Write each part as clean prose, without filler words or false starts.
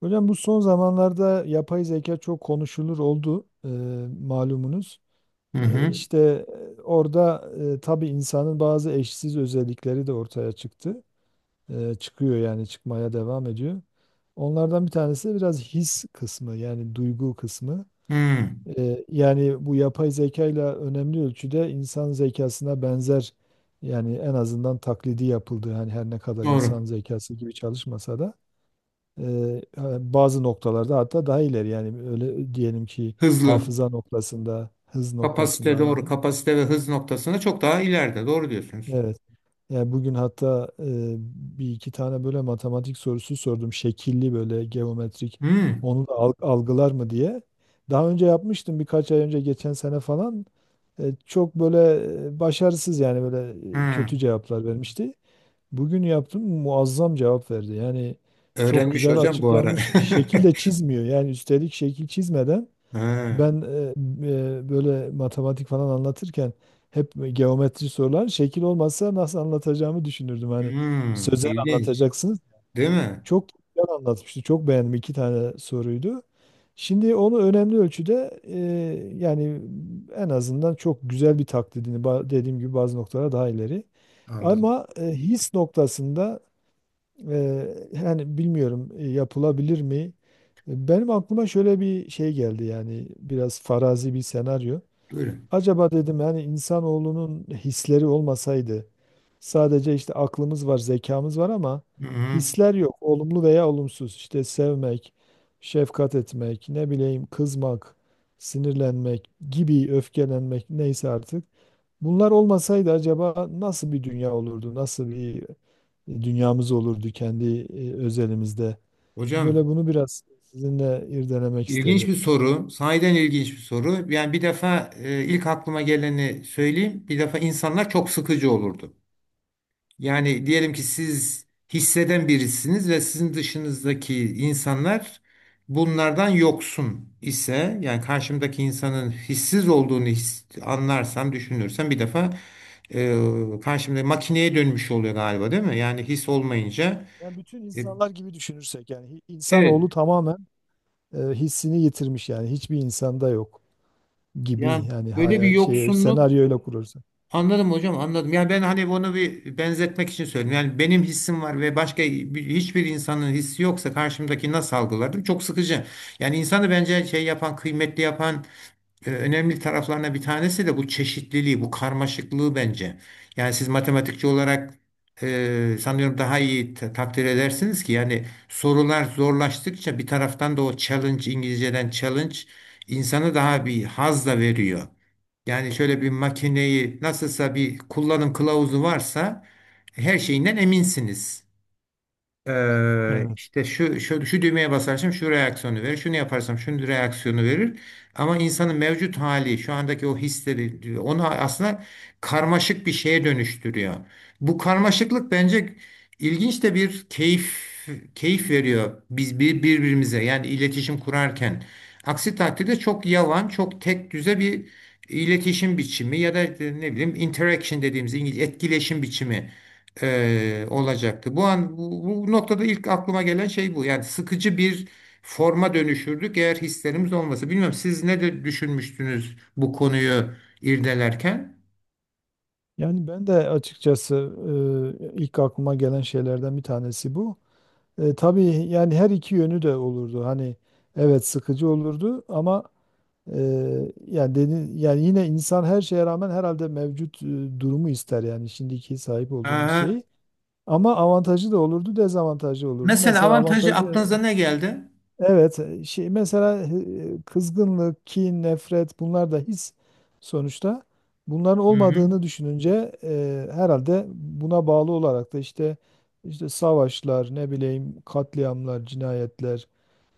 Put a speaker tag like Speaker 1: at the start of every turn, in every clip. Speaker 1: Hocam, bu son zamanlarda yapay zeka çok konuşulur oldu, malumunuz.
Speaker 2: Hı hı.
Speaker 1: İşte orada tabii insanın bazı eşsiz özellikleri de ortaya çıktı. Çıkıyor, yani çıkmaya devam ediyor. Onlardan bir tanesi de biraz his kısmı, yani duygu kısmı.
Speaker 2: Hı.
Speaker 1: Yani bu yapay zeka ile önemli ölçüde insan zekasına benzer, yani en azından taklidi yapıldı. Yani her ne kadar
Speaker 2: Doğru.
Speaker 1: insan zekası gibi çalışmasa da. Eee, Bazı noktalarda hatta daha ileri, yani öyle diyelim ki
Speaker 2: Hızlı.
Speaker 1: hafıza noktasında, hız noktasında
Speaker 2: Kapasite
Speaker 1: aynı.
Speaker 2: doğru. Kapasite ve hız noktasında çok daha ileride. Doğru diyorsunuz.
Speaker 1: Evet. Yani bugün hatta bir iki tane böyle matematik sorusu sordum. Şekilli, böyle geometrik.
Speaker 2: Hı.
Speaker 1: Onu da algılar mı diye. Daha önce yapmıştım, birkaç ay önce, geçen sene falan. Çok böyle başarısız, yani böyle
Speaker 2: Hı.
Speaker 1: kötü cevaplar vermişti. Bugün yaptım, muazzam cevap verdi. Yani çok
Speaker 2: Öğrenmiş
Speaker 1: güzel
Speaker 2: hocam bu ara.
Speaker 1: açıklamış. Şekil de çizmiyor. Yani üstelik şekil çizmeden
Speaker 2: Ha.
Speaker 1: ben böyle matematik falan anlatırken hep geometri sorular şekil olmazsa nasıl anlatacağımı düşünürdüm.
Speaker 2: Hı.
Speaker 1: Hani sözel
Speaker 2: İlginç.
Speaker 1: anlatacaksınız.
Speaker 2: Değil mi?
Speaker 1: Çok güzel anlatmıştı. Çok beğendim. İki tane soruydu. Şimdi onu önemli ölçüde yani en azından çok güzel bir taklidini dediğim gibi bazı noktalara daha ileri.
Speaker 2: Anladım.
Speaker 1: Ama his noktasında, yani bilmiyorum, yapılabilir mi? Benim aklıma şöyle bir şey geldi, yani biraz farazi bir senaryo.
Speaker 2: Buyurun.
Speaker 1: Acaba dedim, yani insanoğlunun hisleri olmasaydı, sadece işte aklımız var, zekamız var ama
Speaker 2: Hı hı.
Speaker 1: hisler yok. Olumlu veya olumsuz, işte sevmek, şefkat etmek, ne bileyim kızmak, sinirlenmek gibi, öfkelenmek, neyse artık. Bunlar olmasaydı acaba nasıl bir dünya olurdu? Nasıl bir dünyamız olurdu kendi özelimizde. Böyle
Speaker 2: Hocam
Speaker 1: bunu biraz sizinle irdelemek
Speaker 2: ilginç
Speaker 1: isterim.
Speaker 2: bir soru. Sahiden ilginç bir soru. Yani bir defa ilk aklıma geleni söyleyeyim. Bir defa insanlar çok sıkıcı olurdu. Yani diyelim ki siz hisseden birisiniz ve sizin dışınızdaki insanlar bunlardan yoksun ise, yani karşımdaki insanın hissiz olduğunu his, anlarsam düşünürsem bir defa karşımda makineye dönmüş oluyor galiba, değil mi? Yani his olmayınca
Speaker 1: Yani bütün
Speaker 2: e,
Speaker 1: insanlar gibi düşünürsek, yani
Speaker 2: evet,
Speaker 1: insanoğlu tamamen hissini yitirmiş, yani hiçbir insanda yok gibi,
Speaker 2: yani
Speaker 1: yani
Speaker 2: böyle bir
Speaker 1: hayal şey
Speaker 2: yoksunluk.
Speaker 1: senaryo öyle kurursak.
Speaker 2: Anladım hocam, anladım. Yani ben hani bunu bir benzetmek için söyledim. Yani benim hissim var ve hiçbir insanın hissi yoksa karşımdaki nasıl algılardım? Çok sıkıcı. Yani insanı bence şey yapan, kıymetli yapan önemli taraflarına bir tanesi de bu çeşitliliği, bu karmaşıklığı bence. Yani siz matematikçi olarak sanıyorum daha iyi takdir edersiniz ki yani sorular zorlaştıkça bir taraftan da o challenge, İngilizceden challenge insanı daha bir haz da veriyor. Yani şöyle bir makineyi, nasılsa bir kullanım kılavuzu varsa her şeyinden eminsiniz.
Speaker 1: Evet.
Speaker 2: İşte şu, şu, şu düğmeye basarsam şu reaksiyonu verir, şunu yaparsam şunu reaksiyonu verir. Ama insanın mevcut hali, şu andaki o hisleri onu aslında karmaşık bir şeye dönüştürüyor. Bu karmaşıklık bence ilginç de bir keyif, keyif veriyor birbirimize yani iletişim kurarken. Aksi takdirde çok yavan, çok tek düze bir iletişim biçimi ya da ne bileyim interaction dediğimiz, İngilizce etkileşim biçimi olacaktı. Bu noktada ilk aklıma gelen şey bu. Yani sıkıcı bir forma dönüşürdük eğer hislerimiz olmasa. Bilmiyorum siz ne de düşünmüştünüz bu konuyu irdelerken?
Speaker 1: Yani ben de açıkçası ilk aklıma gelen şeylerden bir tanesi bu. Tabii, yani her iki yönü de olurdu. Hani evet, sıkıcı olurdu ama yani yani yine insan her şeye rağmen herhalde mevcut durumu ister, yani şimdiki sahip olduğumuz
Speaker 2: Aha.
Speaker 1: şeyi. Ama avantajı da olurdu, dezavantajı olurdu.
Speaker 2: Mesela
Speaker 1: Mesela
Speaker 2: avantajı
Speaker 1: avantajı,
Speaker 2: aklınıza ne geldi?
Speaker 1: evet şey mesela, kızgınlık, kin, nefret, bunlar da his sonuçta. Bunların
Speaker 2: Hı hı.
Speaker 1: olmadığını düşününce herhalde buna bağlı olarak da işte savaşlar, ne bileyim katliamlar, cinayetler,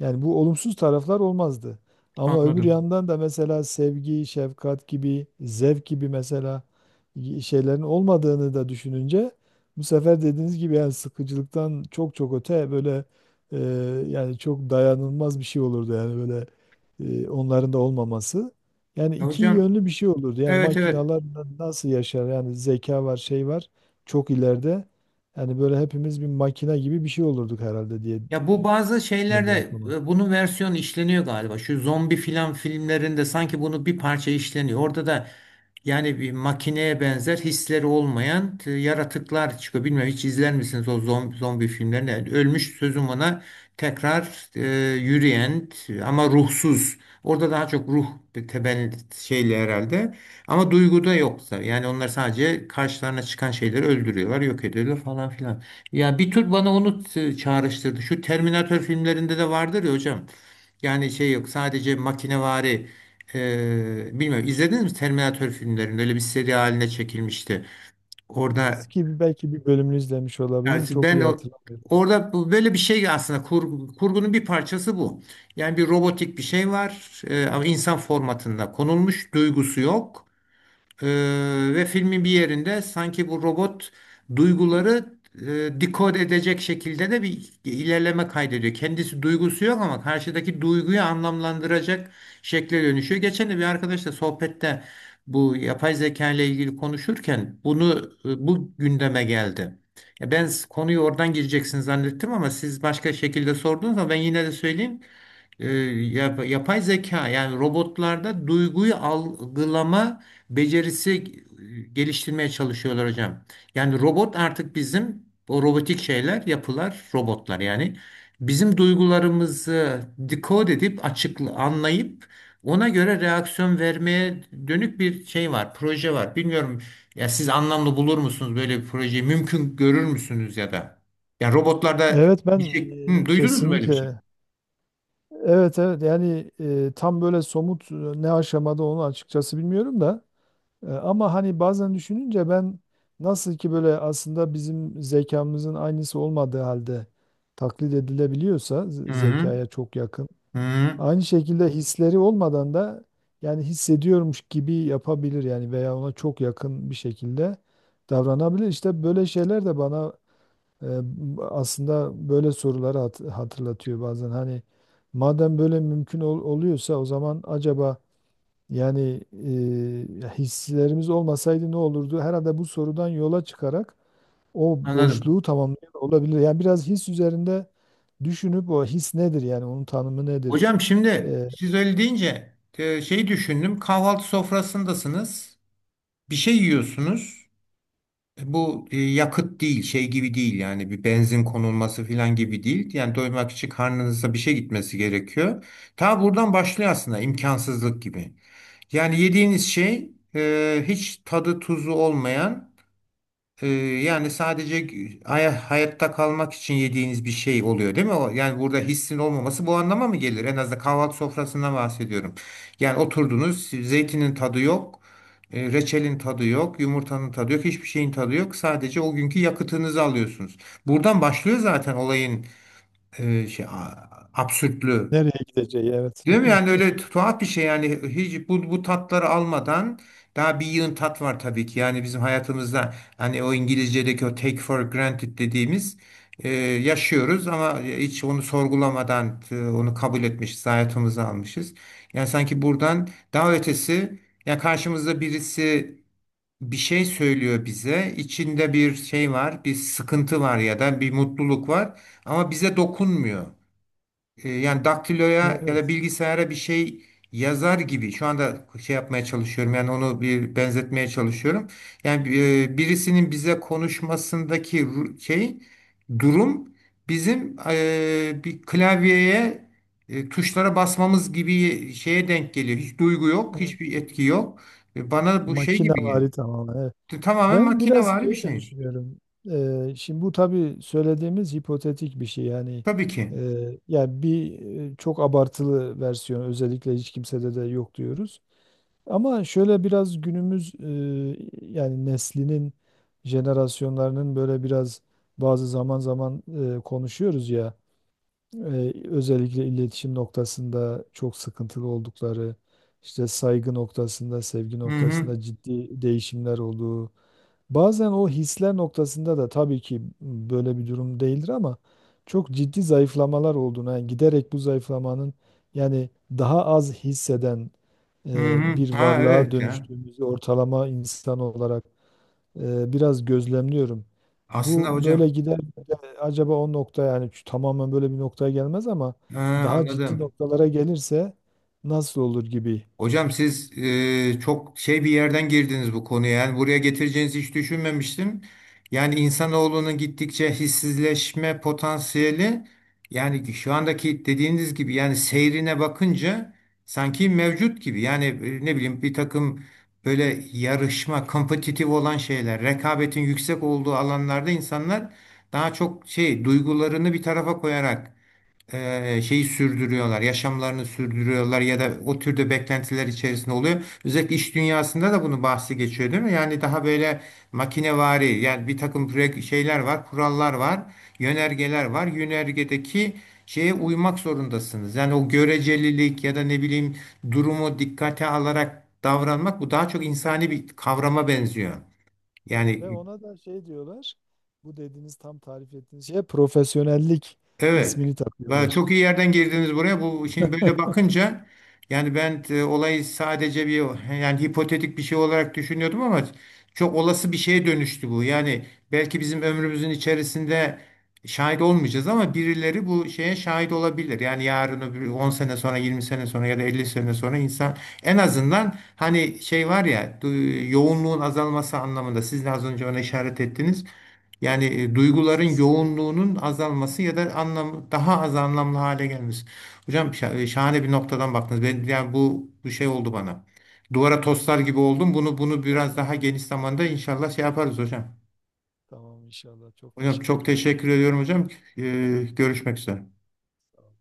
Speaker 1: yani bu olumsuz taraflar olmazdı. Ama öbür
Speaker 2: Anladım.
Speaker 1: yandan da mesela sevgi, şefkat gibi, zevk gibi, mesela şeylerin olmadığını da düşününce, bu sefer dediğiniz gibi, yani sıkıcılıktan çok çok öte, böyle e, yani çok dayanılmaz bir şey olurdu, yani böyle onların da olmaması. Yani iki
Speaker 2: Hocam
Speaker 1: yönlü bir şey olurdu. Yani
Speaker 2: evet, evet.
Speaker 1: makinalar nasıl yaşar? Yani zeka var, şey var, çok ileride. Yani böyle hepimiz bir makina gibi bir şey olurduk herhalde diye
Speaker 2: Ya
Speaker 1: e,
Speaker 2: bu bazı
Speaker 1: geliyor
Speaker 2: şeylerde
Speaker 1: aklıma.
Speaker 2: bunun versiyonu işleniyor galiba. Şu zombi filan filmlerinde sanki bunu bir parça işleniyor. Orada da yani bir makineye benzer, hisleri olmayan yaratıklar çıkıyor. Bilmiyorum, hiç izler misiniz o zombi, zombi filmlerini? Yani ölmüş sözüm ona tekrar yürüyen ama ruhsuz. Orada daha çok ruh bir temel şeyle herhalde. Ama duyguda yoksa. Yani onlar sadece karşılarına çıkan şeyleri öldürüyorlar, yok ediyorlar falan filan. Ya bir tür bana onu çağrıştırdı. Şu Terminator filmlerinde de vardır ya hocam. Yani şey yok, sadece makinevari bilmiyorum, izlediniz mi Terminator filmlerini? Öyle bir seri haline çekilmişti. Orada
Speaker 1: Eski bir, belki bir bölümünü izlemiş
Speaker 2: yani
Speaker 1: olabilirim. Çok
Speaker 2: ben
Speaker 1: iyi
Speaker 2: o
Speaker 1: hatırlamıyorum.
Speaker 2: Orada böyle bir şey, aslında kurgunun bir parçası bu. Yani bir robotik bir şey var, ama insan formatında konulmuş, duygusu yok. Ee, ve filmin bir yerinde sanki bu robot duyguları e, dekod edecek şekilde de bir ilerleme kaydediyor. Kendisi duygusu yok ama karşıdaki duyguyu anlamlandıracak şekle dönüşüyor. Geçen de bir arkadaşla sohbette bu yapay zeka ile ilgili konuşurken bunu bu gündeme geldi. Ya ben konuyu oradan gireceksin zannettim ama siz başka şekilde sorduğunuz zaman ben yine de söyleyeyim, yapay zeka, yani robotlarda duyguyu algılama becerisi geliştirmeye çalışıyorlar hocam. Yani robot artık, bizim o robotik şeyler, yapılar, robotlar yani bizim duygularımızı dekod edip, açıkla anlayıp ona göre reaksiyon vermeye dönük bir şey var, proje var. Bilmiyorum, ya siz anlamlı bulur musunuz böyle bir projeyi? Mümkün görür müsünüz ya da? Yani robotlarda
Speaker 1: Evet
Speaker 2: bir
Speaker 1: ben
Speaker 2: şey. Hı, duydunuz mu böyle bir şey?
Speaker 1: kesinlikle, evet, evet, yani tam böyle somut, ne aşamada onu açıkçası bilmiyorum da. Ama hani bazen düşününce ben, nasıl ki böyle aslında bizim zekamızın aynısı olmadığı halde taklit edilebiliyorsa
Speaker 2: Hı hı.
Speaker 1: zekaya çok yakın.
Speaker 2: Hı,
Speaker 1: Aynı şekilde hisleri olmadan da, yani hissediyormuş gibi yapabilir, yani veya ona çok yakın bir şekilde davranabilir. İşte böyle şeyler de bana e, aslında böyle soruları hatırlatıyor bazen. Hani madem böyle mümkün oluyorsa, o zaman acaba, yani hislerimiz olmasaydı ne olurdu? Herhalde bu sorudan yola çıkarak o
Speaker 2: anladım.
Speaker 1: boşluğu tamamlayan olabilir. Yani biraz his üzerinde düşünüp o his nedir, yani onun tanımı nedir?
Speaker 2: Hocam şimdi
Speaker 1: E,
Speaker 2: siz öyle deyince şey düşündüm. Kahvaltı sofrasındasınız. Bir şey yiyorsunuz. Bu yakıt değil, şey gibi değil, yani bir benzin konulması falan gibi değil. Yani doymak için karnınıza bir şey gitmesi gerekiyor. Ta buradan başlıyor aslında imkansızlık gibi. Yani yediğiniz şey hiç tadı tuzu olmayan, Ee, yani sadece hayatta kalmak için yediğiniz bir şey oluyor, değil mi? Yani burada hissin olmaması bu anlama mı gelir? En azından kahvaltı sofrasından bahsediyorum. Yani oturdunuz, zeytinin tadı yok, reçelin tadı yok, yumurtanın tadı yok, hiçbir şeyin tadı yok. Sadece o günkü yakıtınızı alıyorsunuz. Buradan başlıyor zaten olayın absürtlüğü.
Speaker 1: Nereye gideceği, evet.
Speaker 2: Değil mi? Yani öyle tuhaf bir şey, yani hiç bu tatları almadan daha bir yığın tat var tabii ki. Yani bizim hayatımızda hani o İngilizce'deki o take for granted dediğimiz, yaşıyoruz ama hiç onu sorgulamadan onu kabul etmişiz, hayatımıza almışız. Yani sanki buradan daha ötesi, ya karşımızda birisi bir şey söylüyor bize. İçinde bir şey var, bir sıkıntı var ya da bir mutluluk var ama bize dokunmuyor. Yani daktiloya ya da
Speaker 1: Evet.
Speaker 2: bilgisayara bir şey yazar gibi şu anda şey yapmaya çalışıyorum, yani onu bir benzetmeye çalışıyorum. Yani birisinin bize konuşmasındaki şey durum, bizim bir klavyeye tuşlara basmamız gibi şeye denk geliyor. Hiç duygu yok,
Speaker 1: Evet.
Speaker 2: hiçbir etki yok. Bana bu şey gibi geliyor.
Speaker 1: Makinevari tamamen. Evet.
Speaker 2: Tamamen
Speaker 1: Ben biraz
Speaker 2: makinevari bir
Speaker 1: şey de
Speaker 2: şey.
Speaker 1: düşünüyorum. Şimdi bu tabii söylediğimiz hipotetik bir şey, yani
Speaker 2: Tabii ki.
Speaker 1: yani bir çok abartılı versiyon, özellikle hiç kimsede de yok diyoruz. Ama şöyle biraz günümüz yani neslinin, jenerasyonlarının böyle biraz bazı zaman zaman konuşuyoruz ya. Özellikle iletişim noktasında çok sıkıntılı oldukları, işte saygı noktasında, sevgi
Speaker 2: Hı hı.
Speaker 1: noktasında ciddi değişimler olduğu, bazen o hisler noktasında da tabii ki böyle bir durum değildir ama çok ciddi zayıflamalar olduğuna, yani giderek bu zayıflamanın, yani daha az hisseden
Speaker 2: Hı hı.
Speaker 1: bir
Speaker 2: Ha,
Speaker 1: varlığa
Speaker 2: evet ya.
Speaker 1: dönüştüğümüzü ortalama insan olarak biraz gözlemliyorum.
Speaker 2: Aslında
Speaker 1: Bu böyle
Speaker 2: hocam,
Speaker 1: gider de acaba o nokta, yani şu tamamen böyle bir noktaya gelmez ama
Speaker 2: ha,
Speaker 1: daha ciddi
Speaker 2: anladım.
Speaker 1: noktalara gelirse nasıl olur gibi.
Speaker 2: Hocam siz çok şey bir yerden girdiniz bu konuya. Yani buraya getireceğinizi hiç düşünmemiştim. Yani insanoğlunun gittikçe hissizleşme potansiyeli, yani şu andaki dediğiniz gibi yani seyrine bakınca sanki mevcut gibi. Yani ne bileyim, bir takım böyle yarışma, kompetitif olan şeyler, rekabetin yüksek olduğu alanlarda insanlar daha çok şey, duygularını bir tarafa koyarak şeyi sürdürüyorlar, yaşamlarını sürdürüyorlar ya da o türde beklentiler içerisinde oluyor. Özellikle iş dünyasında da bunu bahsi geçiyor, değil mi? Yani daha böyle makinevari, yani bir takım şeyler var, kurallar var, yönergeler var. Yönergedeki şeye uymak zorundasınız. Yani o görecelilik ya da ne bileyim, durumu dikkate alarak davranmak, bu daha çok insani bir kavrama benziyor.
Speaker 1: Evet, ve
Speaker 2: Yani.
Speaker 1: ona da şey diyorlar. Bu dediğiniz, tam tarif ettiğiniz şeye profesyonellik
Speaker 2: Evet.
Speaker 1: ismini takıyorlar.
Speaker 2: Çok iyi yerden girdiniz buraya. Bu şimdi böyle bakınca, yani ben olayı sadece bir, yani hipotetik bir şey olarak düşünüyordum ama çok olası bir şeye dönüştü bu. Yani belki bizim ömrümüzün içerisinde şahit olmayacağız ama birileri bu şeye şahit olabilir. Yani yarın öbür 10 sene sonra, 20 sene sonra ya da 50 sene sonra insan en azından hani şey var ya, yoğunluğun azalması anlamında siz de az önce ona işaret ettiniz. Yani
Speaker 1: Evet,
Speaker 2: duyguların yoğunluğunun azalması ya da anlam daha az anlamlı hale gelmesi. Hocam,
Speaker 1: evet.
Speaker 2: şahane bir noktadan baktınız. Ben yani bu şey oldu bana. Duvara toslar gibi oldum. Bunu biraz daha geniş zamanda inşallah şey yaparız hocam.
Speaker 1: Tamam, inşallah. Çok
Speaker 2: Hocam
Speaker 1: teşekkür
Speaker 2: çok
Speaker 1: ederim.
Speaker 2: teşekkür ediyorum hocam. Görüşmek üzere.
Speaker 1: Sağ olun.